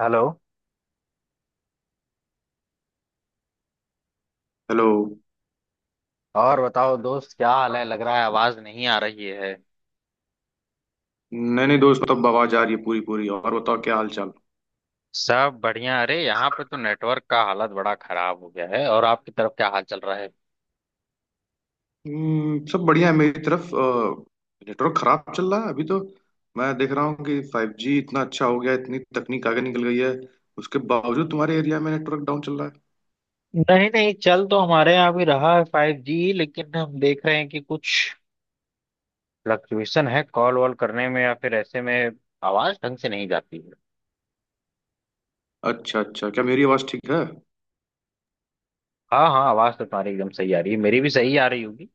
Hello. Hello. और बताओ दोस्त, क्या हाल है? लग रहा है आवाज नहीं आ रही है। नहीं नहीं दोस्त, तब आवाज आ रही है पूरी पूरी। और बताओ क्या हाल चाल। सब बढ़िया। अरे यहाँ पे तो नेटवर्क का हालत बड़ा खराब हो गया है। और आपकी तरफ क्या हाल चल रहा है? सब बढ़िया है मेरी तरफ, नेटवर्क खराब चल रहा है अभी तो। मैं देख रहा हूँ कि फाइव जी इतना अच्छा हो गया है, इतनी तकनीक आगे निकल गई है। उसके बावजूद तुम्हारे एरिया में नेटवर्क डाउन चल रहा है। नहीं नहीं, चल तो हमारे यहाँ भी रहा है 5G, लेकिन हम देख रहे हैं कि कुछ फ्लक्चुएशन है कॉल वॉल करने में, या फिर ऐसे में आवाज ढंग से नहीं जाती है। अच्छा अच्छा, क्या मेरी आवाज ठीक है? हाँ हाँ, आवाज तो तुम्हारी एकदम सही आ रही है, मेरी भी सही आ रही होगी।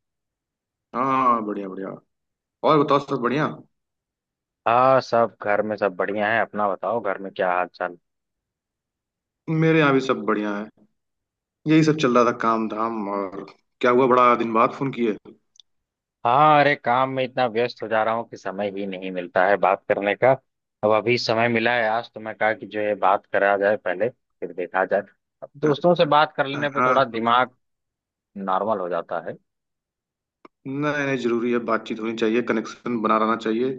हाँ, बढ़िया बढ़िया। और बताओ, सब बढ़िया? हाँ, सब घर में सब बढ़िया है। अपना बताओ, घर में क्या हाल चाल? मेरे यहाँ भी सब बढ़िया है। यही सब चल रहा था काम धाम। और क्या हुआ, बड़ा दिन बाद फोन किए? हाँ, अरे काम में इतना व्यस्त हो जा रहा हूँ कि समय ही नहीं मिलता है बात करने का। अब अभी समय मिला है आज तो, मैं कहा कि जो है बात करा जाए पहले, फिर देखा जाए। अब दोस्तों से बात कर लेने पे हाँ। थोड़ा दिमाग नॉर्मल हो जाता है। नहीं नहीं, जरूरी है, बातचीत होनी चाहिए, कनेक्शन बना रहना चाहिए।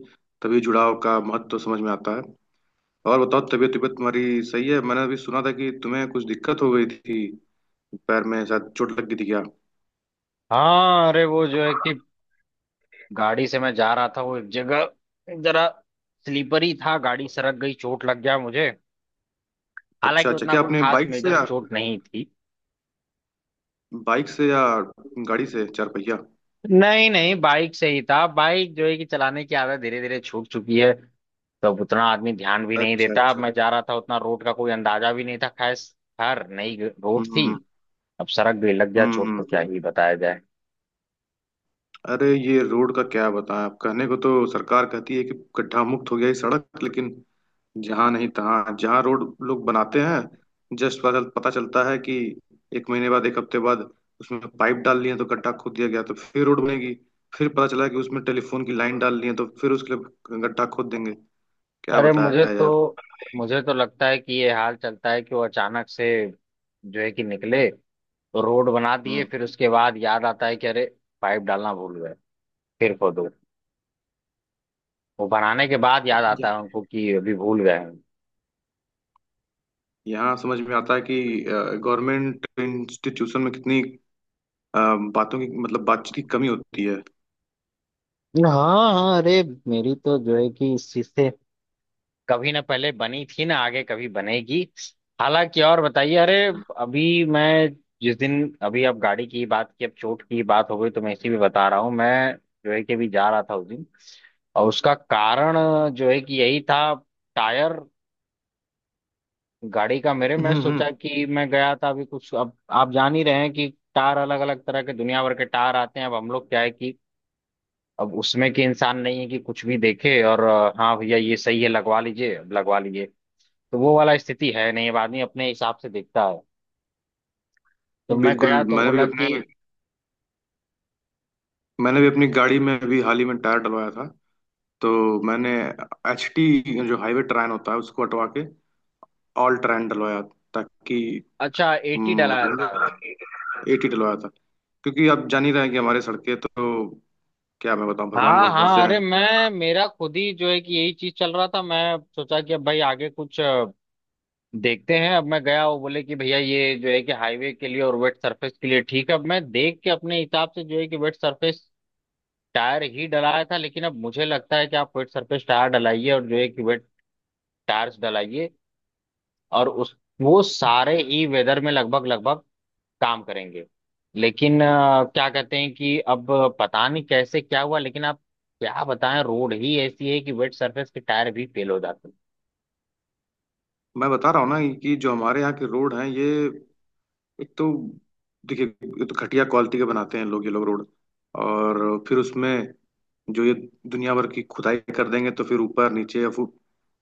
तभी जुड़ाव का महत्व समझ में आता है। और बताओ, तबीयत तबीयत तुम्हारी सही है? मैंने अभी सुना था कि तुम्हें कुछ दिक्कत हो गई थी, पैर में शायद चोट लग गई थी क्या? हाँ, अरे वो जो है कि गाड़ी से मैं जा रहा था, वो एक जगह जरा स्लीपर ही था, गाड़ी सरक गई, चोट लग गया मुझे। अच्छा हालांकि अच्छा, उतना क्या कोई आपने खास मेजर चोट नहीं थी। बाइक से या गाड़ी से, चार पहिया? नहीं नहीं, बाइक से ही था। बाइक जो है कि चलाने की आदत धीरे धीरे छूट चुकी है, तब उतना आदमी ध्यान भी नहीं अच्छा देता। अब अच्छा। मैं जा रहा था, उतना रोड का कोई अंदाजा भी नहीं था। खैर खैर, नई रोड थी। हम्म, अब सड़क भी लग गया, हम्म, चोट तो क्या ही बताया जाए। अरे ये रोड का क्या बताएं। आप, कहने को तो सरकार कहती है कि गड्ढा मुक्त हो गया ये सड़क, लेकिन जहाँ नहीं तहाँ, जहाँ रोड लोग बनाते हैं, जस्ट पता पता चलता है कि एक महीने बाद, एक हफ्ते बाद उसमें पाइप डाल लिए तो गड्ढा खोद दिया गया, तो फिर रोड बनेगी। फिर पता चला कि उसमें टेलीफोन की लाइन डाल लिए तो फिर उसके लिए गड्ढा खोद देंगे। क्या अरे मुझे बताया तो जाए। मुझे तो लगता है कि ये हाल चलता है कि वो अचानक से जो है कि निकले तो रोड बना दिए, हम्म। फिर उसके बाद याद आता है कि अरे पाइप डालना भूल गए। फिर खोदो। वो बनाने के बाद याद या- आता है उनको कि अभी भूल गए हैं। यहाँ समझ में आता है कि गवर्नमेंट इंस्टीट्यूशन में कितनी, अ, बातों की मतलब बातचीत की कमी होती है। हाँ हाँ, अरे मेरी तो जो है कि इस चीज से कभी ना पहले बनी थी, ना आगे कभी बनेगी। हालांकि, और बताइए। अरे अभी मैं, जिस दिन अभी आप गाड़ी की बात की, अब चोट की बात हो गई तो मैं इसी भी बता रहा हूँ। मैं जो है कि अभी जा रहा था उस दिन, और उसका कारण जो है कि यही था। टायर गाड़ी का मेरे, मैं हम्म, हम्म। सोचा कि मैं गया था अभी कुछ, अब आप जान ही रहे हैं कि टायर अलग अलग तरह के दुनिया भर के टायर आते हैं। अब हम लोग क्या है कि अब उसमें के इंसान नहीं है कि कुछ भी देखे और हाँ भैया ये सही है लगवा लीजिए, अब लगवा लीजिए, तो वो वाला स्थिति है नहीं। अब आदमी अपने हिसाब से देखता है तो मैं बिल्कुल। गया तो बोला कि मैंने भी अपनी गाड़ी में अभी हाल ही में टायर डलवाया था। तो मैंने HT, जो हाईवे ट्रेन होता है, उसको हटवा के ऑल ट्रेन डलवाया, ताकि। अच्छा, AT हम्म, डलाया था? AT डलवाया था, क्योंकि आप जान ही रहे हैं कि हमारे सड़कें तो, क्या मैं बताऊं, भगवान हाँ हाँ, भरोसे अरे हैं। मैं मेरा खुद ही जो है कि यही चीज चल रहा था। मैं सोचा कि अब भाई आगे कुछ देखते हैं। अब मैं गया, वो बोले कि भैया ये जो है कि हाईवे के लिए और वेट सरफेस के लिए ठीक है। अब मैं देख के अपने हिसाब से जो है कि वेट सरफेस टायर ही डलाया था, लेकिन अब मुझे लगता है कि आप वेट सरफेस टायर डलाइए और जो है कि वेट टायर्स डलाइए, और उस वो सारे ही वेदर में लगभग लगभग काम करेंगे। लेकिन क्या कहते हैं कि अब पता नहीं कैसे क्या हुआ, लेकिन आप क्या बताएं, रोड ही ऐसी है कि वेट सरफेस के टायर भी फेल हो जाते मैं बता रहा हूँ ना कि जो हमारे यहाँ के रोड हैं ये, एक तो देखिए, ये तो घटिया क्वालिटी के बनाते हैं लोग, ये लोग रोड। और फिर उसमें जो ये दुनिया भर की खुदाई कर देंगे तो फिर ऊपर नीचे, या फिर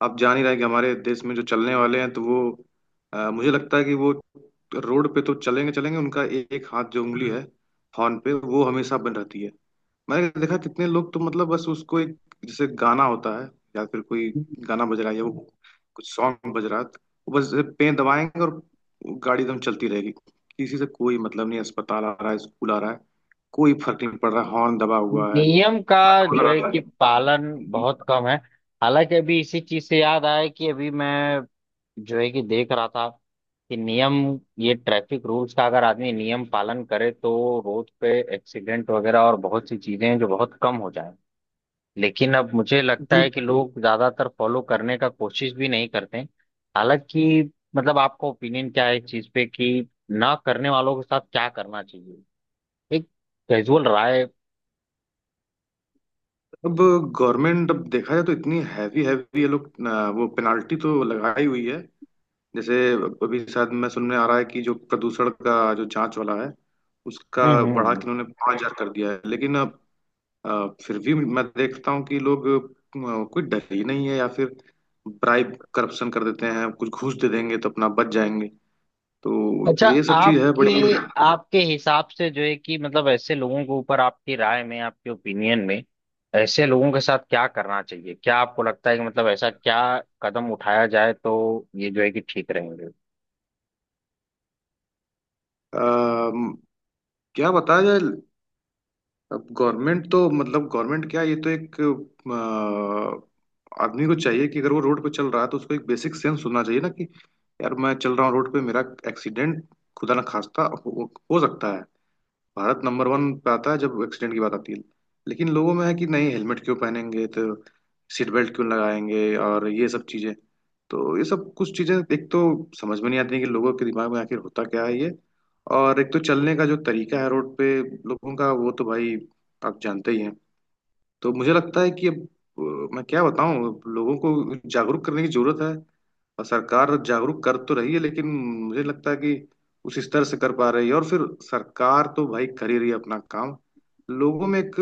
आप जान ही रहे हैं कि हमारे देश में जो चलने वाले हैं तो वो, मुझे लगता है कि वो रोड पे तो चलेंगे चलेंगे। उनका एक हाथ, जो उंगली है, हॉर्न पे वो हमेशा बंद रहती है। मैंने देखा कितने लोग, तो मतलब बस उसको एक, जैसे गाना होता है, या फिर कोई हैं। गाना बज रहा है या वो कुछ सॉन्ग बज रहा है, वो बस पे दबाएंगे और गाड़ी एकदम चलती रहेगी। किसी से कोई मतलब नहीं, अस्पताल आ रहा है, स्कूल आ रहा है, कोई फर्क नहीं पड़ रहा, हॉर्न दबा हुआ है। नियम मैं का तो बोल जो है रहा कि था। पालन बहुत कम है। हालांकि अभी इसी चीज से याद आया कि अभी मैं जो है कि देख रहा था कि नियम, ये ट्रैफिक रूल्स का अगर आदमी नियम पालन करे तो रोड पे एक्सीडेंट वगैरह और बहुत सी चीजें हैं जो बहुत कम हो। लेकिन अब मुझे लगता है कि बिल्कुल। लोग ज्यादातर फॉलो करने का कोशिश भी नहीं करते हैं। हालांकि, मतलब आपका ओपिनियन क्या है इस चीज पे, कि ना करने वालों के साथ क्या करना चाहिए? एक कैजुअल राय। अब गवर्नमेंट, अब देखा जाए तो इतनी हैवी हैवी, ये लोग वो पेनाल्टी तो लगाई हुई है। जैसे अभी शायद मैं सुनने आ रहा है कि जो प्रदूषण का जो जांच वाला है उसका हम्म बढ़ा हम्म। के उन्होंने 5,000 कर दिया है, लेकिन अब फिर भी मैं देखता हूँ कि लोग, कोई डर ही नहीं है, या फिर ब्राइब, करप्शन कर देते हैं, कुछ घूस दे देंगे तो अपना बच जाएंगे। तो अच्छा, ये सब चीज है आपके बड़ी। आपके हिसाब से जो है कि मतलब ऐसे लोगों के ऊपर आपकी राय में, आपके ओपिनियन में ऐसे लोगों के साथ क्या करना चाहिए? क्या आपको लगता है कि मतलब ऐसा क्या कदम उठाया जाए तो ये जो है कि ठीक रहेंगे? अ, क्या बताया जाए। अब गवर्नमेंट तो, मतलब गवर्नमेंट क्या, ये तो एक, आदमी को चाहिए कि अगर वो रोड पे चल रहा है तो उसको एक बेसिक सेंस होना चाहिए, ना कि, यार मैं चल रहा हूँ रोड पे, मेरा एक्सीडेंट खुदा ना खास्ता हो सकता है। भारत नंबर वन पे आता है जब एक्सीडेंट की बात आती है। लेकिन लोगों में है कि नहीं, हेलमेट क्यों पहनेंगे, तो सीट बेल्ट क्यों लगाएंगे, और ये सब चीजें। तो ये सब कुछ चीजें, एक तो समझ में नहीं आती कि लोगों के दिमाग में आखिर होता क्या है ये। और एक तो चलने का जो तरीका है रोड पे लोगों का, वो तो भाई आप जानते ही हैं। तो मुझे लगता है कि अब मैं क्या बताऊं, लोगों को जागरूक करने की जरूरत है। और सरकार जागरूक कर तो रही है, लेकिन मुझे लगता है कि उस स्तर से कर पा रही है। और फिर सरकार तो भाई कर ही रही है अपना काम। लोगों में एक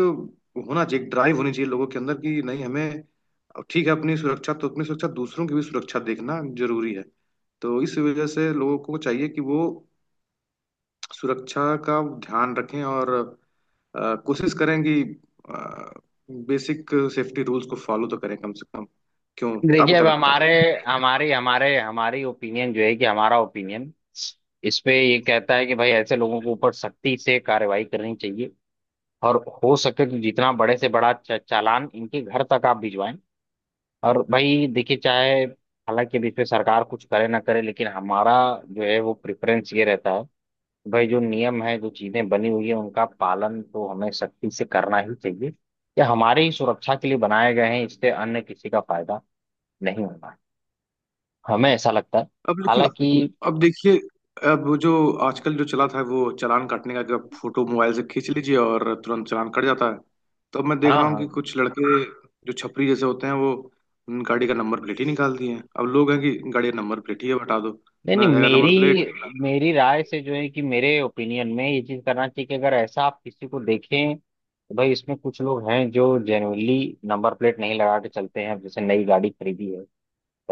होना चाहिए, एक ड्राइव होनी चाहिए लोगों के अंदर कि नहीं, हमें, अब ठीक है, अपनी सुरक्षा तो अपनी सुरक्षा, दूसरों की भी सुरक्षा देखना जरूरी है। तो इस वजह से लोगों को चाहिए कि वो सुरक्षा का ध्यान रखें, और कोशिश करें कि बेसिक सेफ्टी रूल्स को फॉलो तो करें कम से कम। क्यों? देखिए, आपको अब क्या लगता है? हमारे हमारी ओपिनियन जो है कि हमारा ओपिनियन इस पे ये कहता है कि भाई ऐसे लोगों के ऊपर सख्ती से कार्रवाई करनी चाहिए। और हो सके तो जितना बड़े से बड़ा चालान इनके घर तक आप भिजवाएं। और भाई देखिए, चाहे हालांकि अभी इस पे सरकार कुछ करे ना करे, लेकिन हमारा जो है वो प्रेफरेंस ये रहता है कि भाई जो नियम है, जो चीजें बनी हुई है, उनका पालन तो हमें सख्ती से करना ही चाहिए। ये हमारी ही सुरक्षा के लिए बनाए गए हैं, इससे अन्य किसी का फायदा नहीं होना, हमें ऐसा लगता है। अब लेकिन, हालांकि, अब देखिए, अब वो जो आजकल जो चला था वो चालान काटने का, कि आप फोटो मोबाइल से खींच लीजिए और तुरंत चालान कट जाता है। तो अब मैं देख हाँ रहा हूँ कि हाँ, कुछ लड़के, जो छपरी जैसे होते हैं, वो उन गाड़ी का नंबर प्लेट ही निकाल दिए हैं। अब लोग हैं कि गाड़ी का नंबर प्लेट ही है, हटा दो, नहीं ना नहीं, रहेगा मेरी नंबर प्लेट। मेरी राय से जो है कि मेरे ओपिनियन में ये चीज करना चाहिए कि अगर ऐसा आप किसी को देखें तो भाई इसमें कुछ लोग हैं जो जेन्युइनली नंबर प्लेट नहीं लगा के चलते हैं। अब जैसे नई गाड़ी खरीदी है,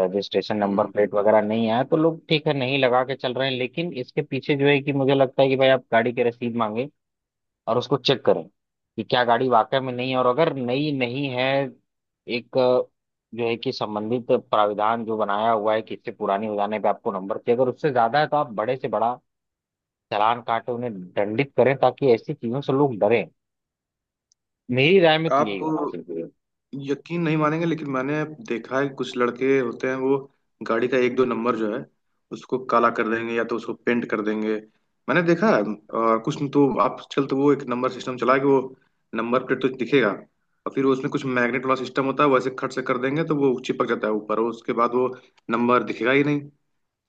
रजिस्ट्रेशन नंबर हम्म। प्लेट वगैरह नहीं आया तो लोग ठीक है नहीं लगा के चल रहे हैं, लेकिन इसके पीछे जो है कि मुझे लगता है कि भाई आप गाड़ी की रसीद मांगे और उसको चेक करें कि क्या गाड़ी वाकई में नई है। और अगर नई नहीं है, एक जो है कि संबंधित प्राविधान जो बनाया हुआ है कि इससे पुरानी हो जाने पे आपको नंबर चाहिए, अगर उससे ज्यादा है तो आप बड़े से बड़ा चालान काटे, उन्हें दंडित करें ताकि ऐसी चीजों से लोग डरें। मेरी राय में तो आप यही होना चाहिए। यकीन नहीं मानेंगे, लेकिन मैंने देखा है कि कुछ लड़के होते हैं वो गाड़ी का एक दो नंबर जो है, उसको काला कर देंगे, या तो उसको पेंट कर देंगे। मैंने देखा है। और कुछ तो आजकल तो वो एक नंबर सिस्टम चला है कि वो नंबर प्लेट तो दिखेगा, और फिर उसमें कुछ मैग्नेट वाला सिस्टम होता है, वैसे खट से कर देंगे तो वो चिपक जाता है ऊपर, और उसके बाद वो नंबर दिखेगा ही नहीं।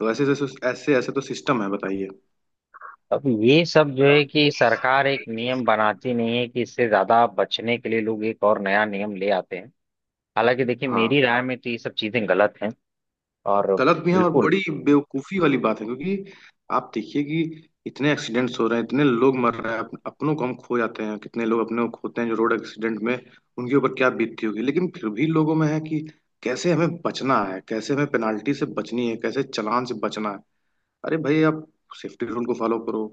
तो ऐसे ऐसे तो सिस्टम है, बताइए। अब ये सब जो है कि सरकार एक नियम बनाती नहीं है कि इससे ज्यादा बचने के लिए लोग एक और नया नियम ले आते हैं। हालांकि देखिए, हाँ। मेरी राय में तो ये सब चीजें गलत हैं। और गलत भी है, और बिल्कुल, बड़ी बेवकूफी वाली बात है, क्योंकि आप देखिए कि इतने एक्सीडेंट्स हो रहे हैं, इतने लोग मर रहे हैं, अपनों को हम खो जाते हैं। कितने लोग अपने को खोते हैं जो रोड एक्सीडेंट में, उनके ऊपर क्या बीतती होगी। लेकिन फिर भी लोगों में है कि कैसे हमें बचना है, कैसे हमें पेनाल्टी से बचनी है, कैसे चालान से बचना है। अरे भाई, आप सेफ्टी रूल को फॉलो करो।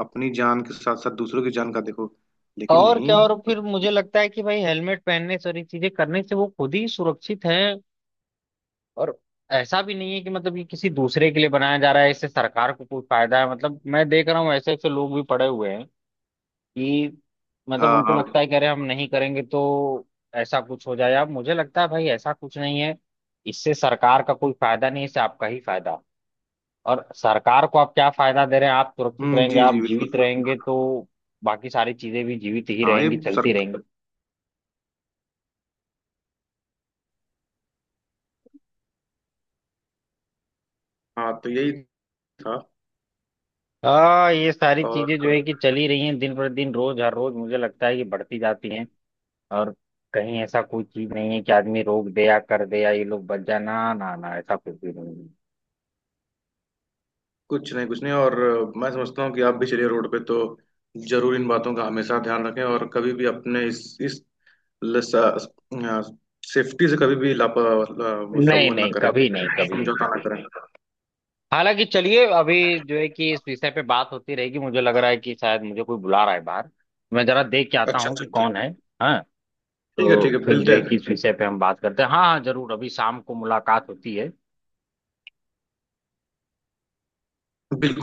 अपनी जान के साथ साथ दूसरों की जान का देखो। लेकिन और क्या, नहीं। और फिर मुझे लगता है कि भाई हेलमेट पहनने सारी चीजें करने से वो खुद ही सुरक्षित हैं। और ऐसा भी नहीं है कि मतलब ये किसी दूसरे के लिए बनाया जा रहा है, इससे सरकार को कोई फायदा है। मतलब मैं देख रहा हूँ ऐसे ऐसे लोग भी पड़े हुए हैं कि मतलब हाँ, उनको हाँ। लगता है कि अरे हम नहीं करेंगे तो ऐसा कुछ हो जाए। अब मुझे लगता है भाई ऐसा कुछ नहीं है। इससे सरकार का कोई फायदा नहीं है, इससे आपका ही फायदा। और सरकार को आप क्या फायदा दे रहे हैं? आप सुरक्षित रहेंगे, जी जी, आप जीवित बिल्कुल। रहेंगे तो बाकी सारी चीजें भी जीवित ही हाँ, ये, रहेंगी, सर। चलती रहेंगी। हाँ, तो यही था। हाँ, ये सारी और चीजें जो है कि चली रही हैं, दिन पर दिन, रोज हर रोज मुझे लगता है कि बढ़ती जाती हैं। और कहीं ऐसा कोई चीज नहीं है कि आदमी रोक दे या कर दे या ये लोग बच जाए। ना ना ना, ऐसा कुछ भी नहीं कुछ नहीं, कुछ नहीं। और मैं समझता हूँ कि आप भी चलिए रोड पे, तो जरूर इन बातों का हमेशा ध्यान रखें। और कभी भी अपने इस सेफ्टी से कभी भी, है। वो सब, नहीं वो ना नहीं, करें। कभी नहीं, कभी समझौता नहीं। ना करें। हालांकि चलिए, अभी जो है कि इस विषय पे बात होती रहेगी। मुझे लग रहा है कि शायद मुझे कोई बुला रहा है बाहर, मैं जरा देख के आता अच्छा हूँ अच्छा, कि कौन ठीक। है। हाँ, ठीक है, ठीक तो है, फिर जो मिलते है हैं फिर। कि इस विषय पे हम बात करते हैं। हाँ हाँ, जरूर। अभी शाम को मुलाकात होती है। बिल्कुल।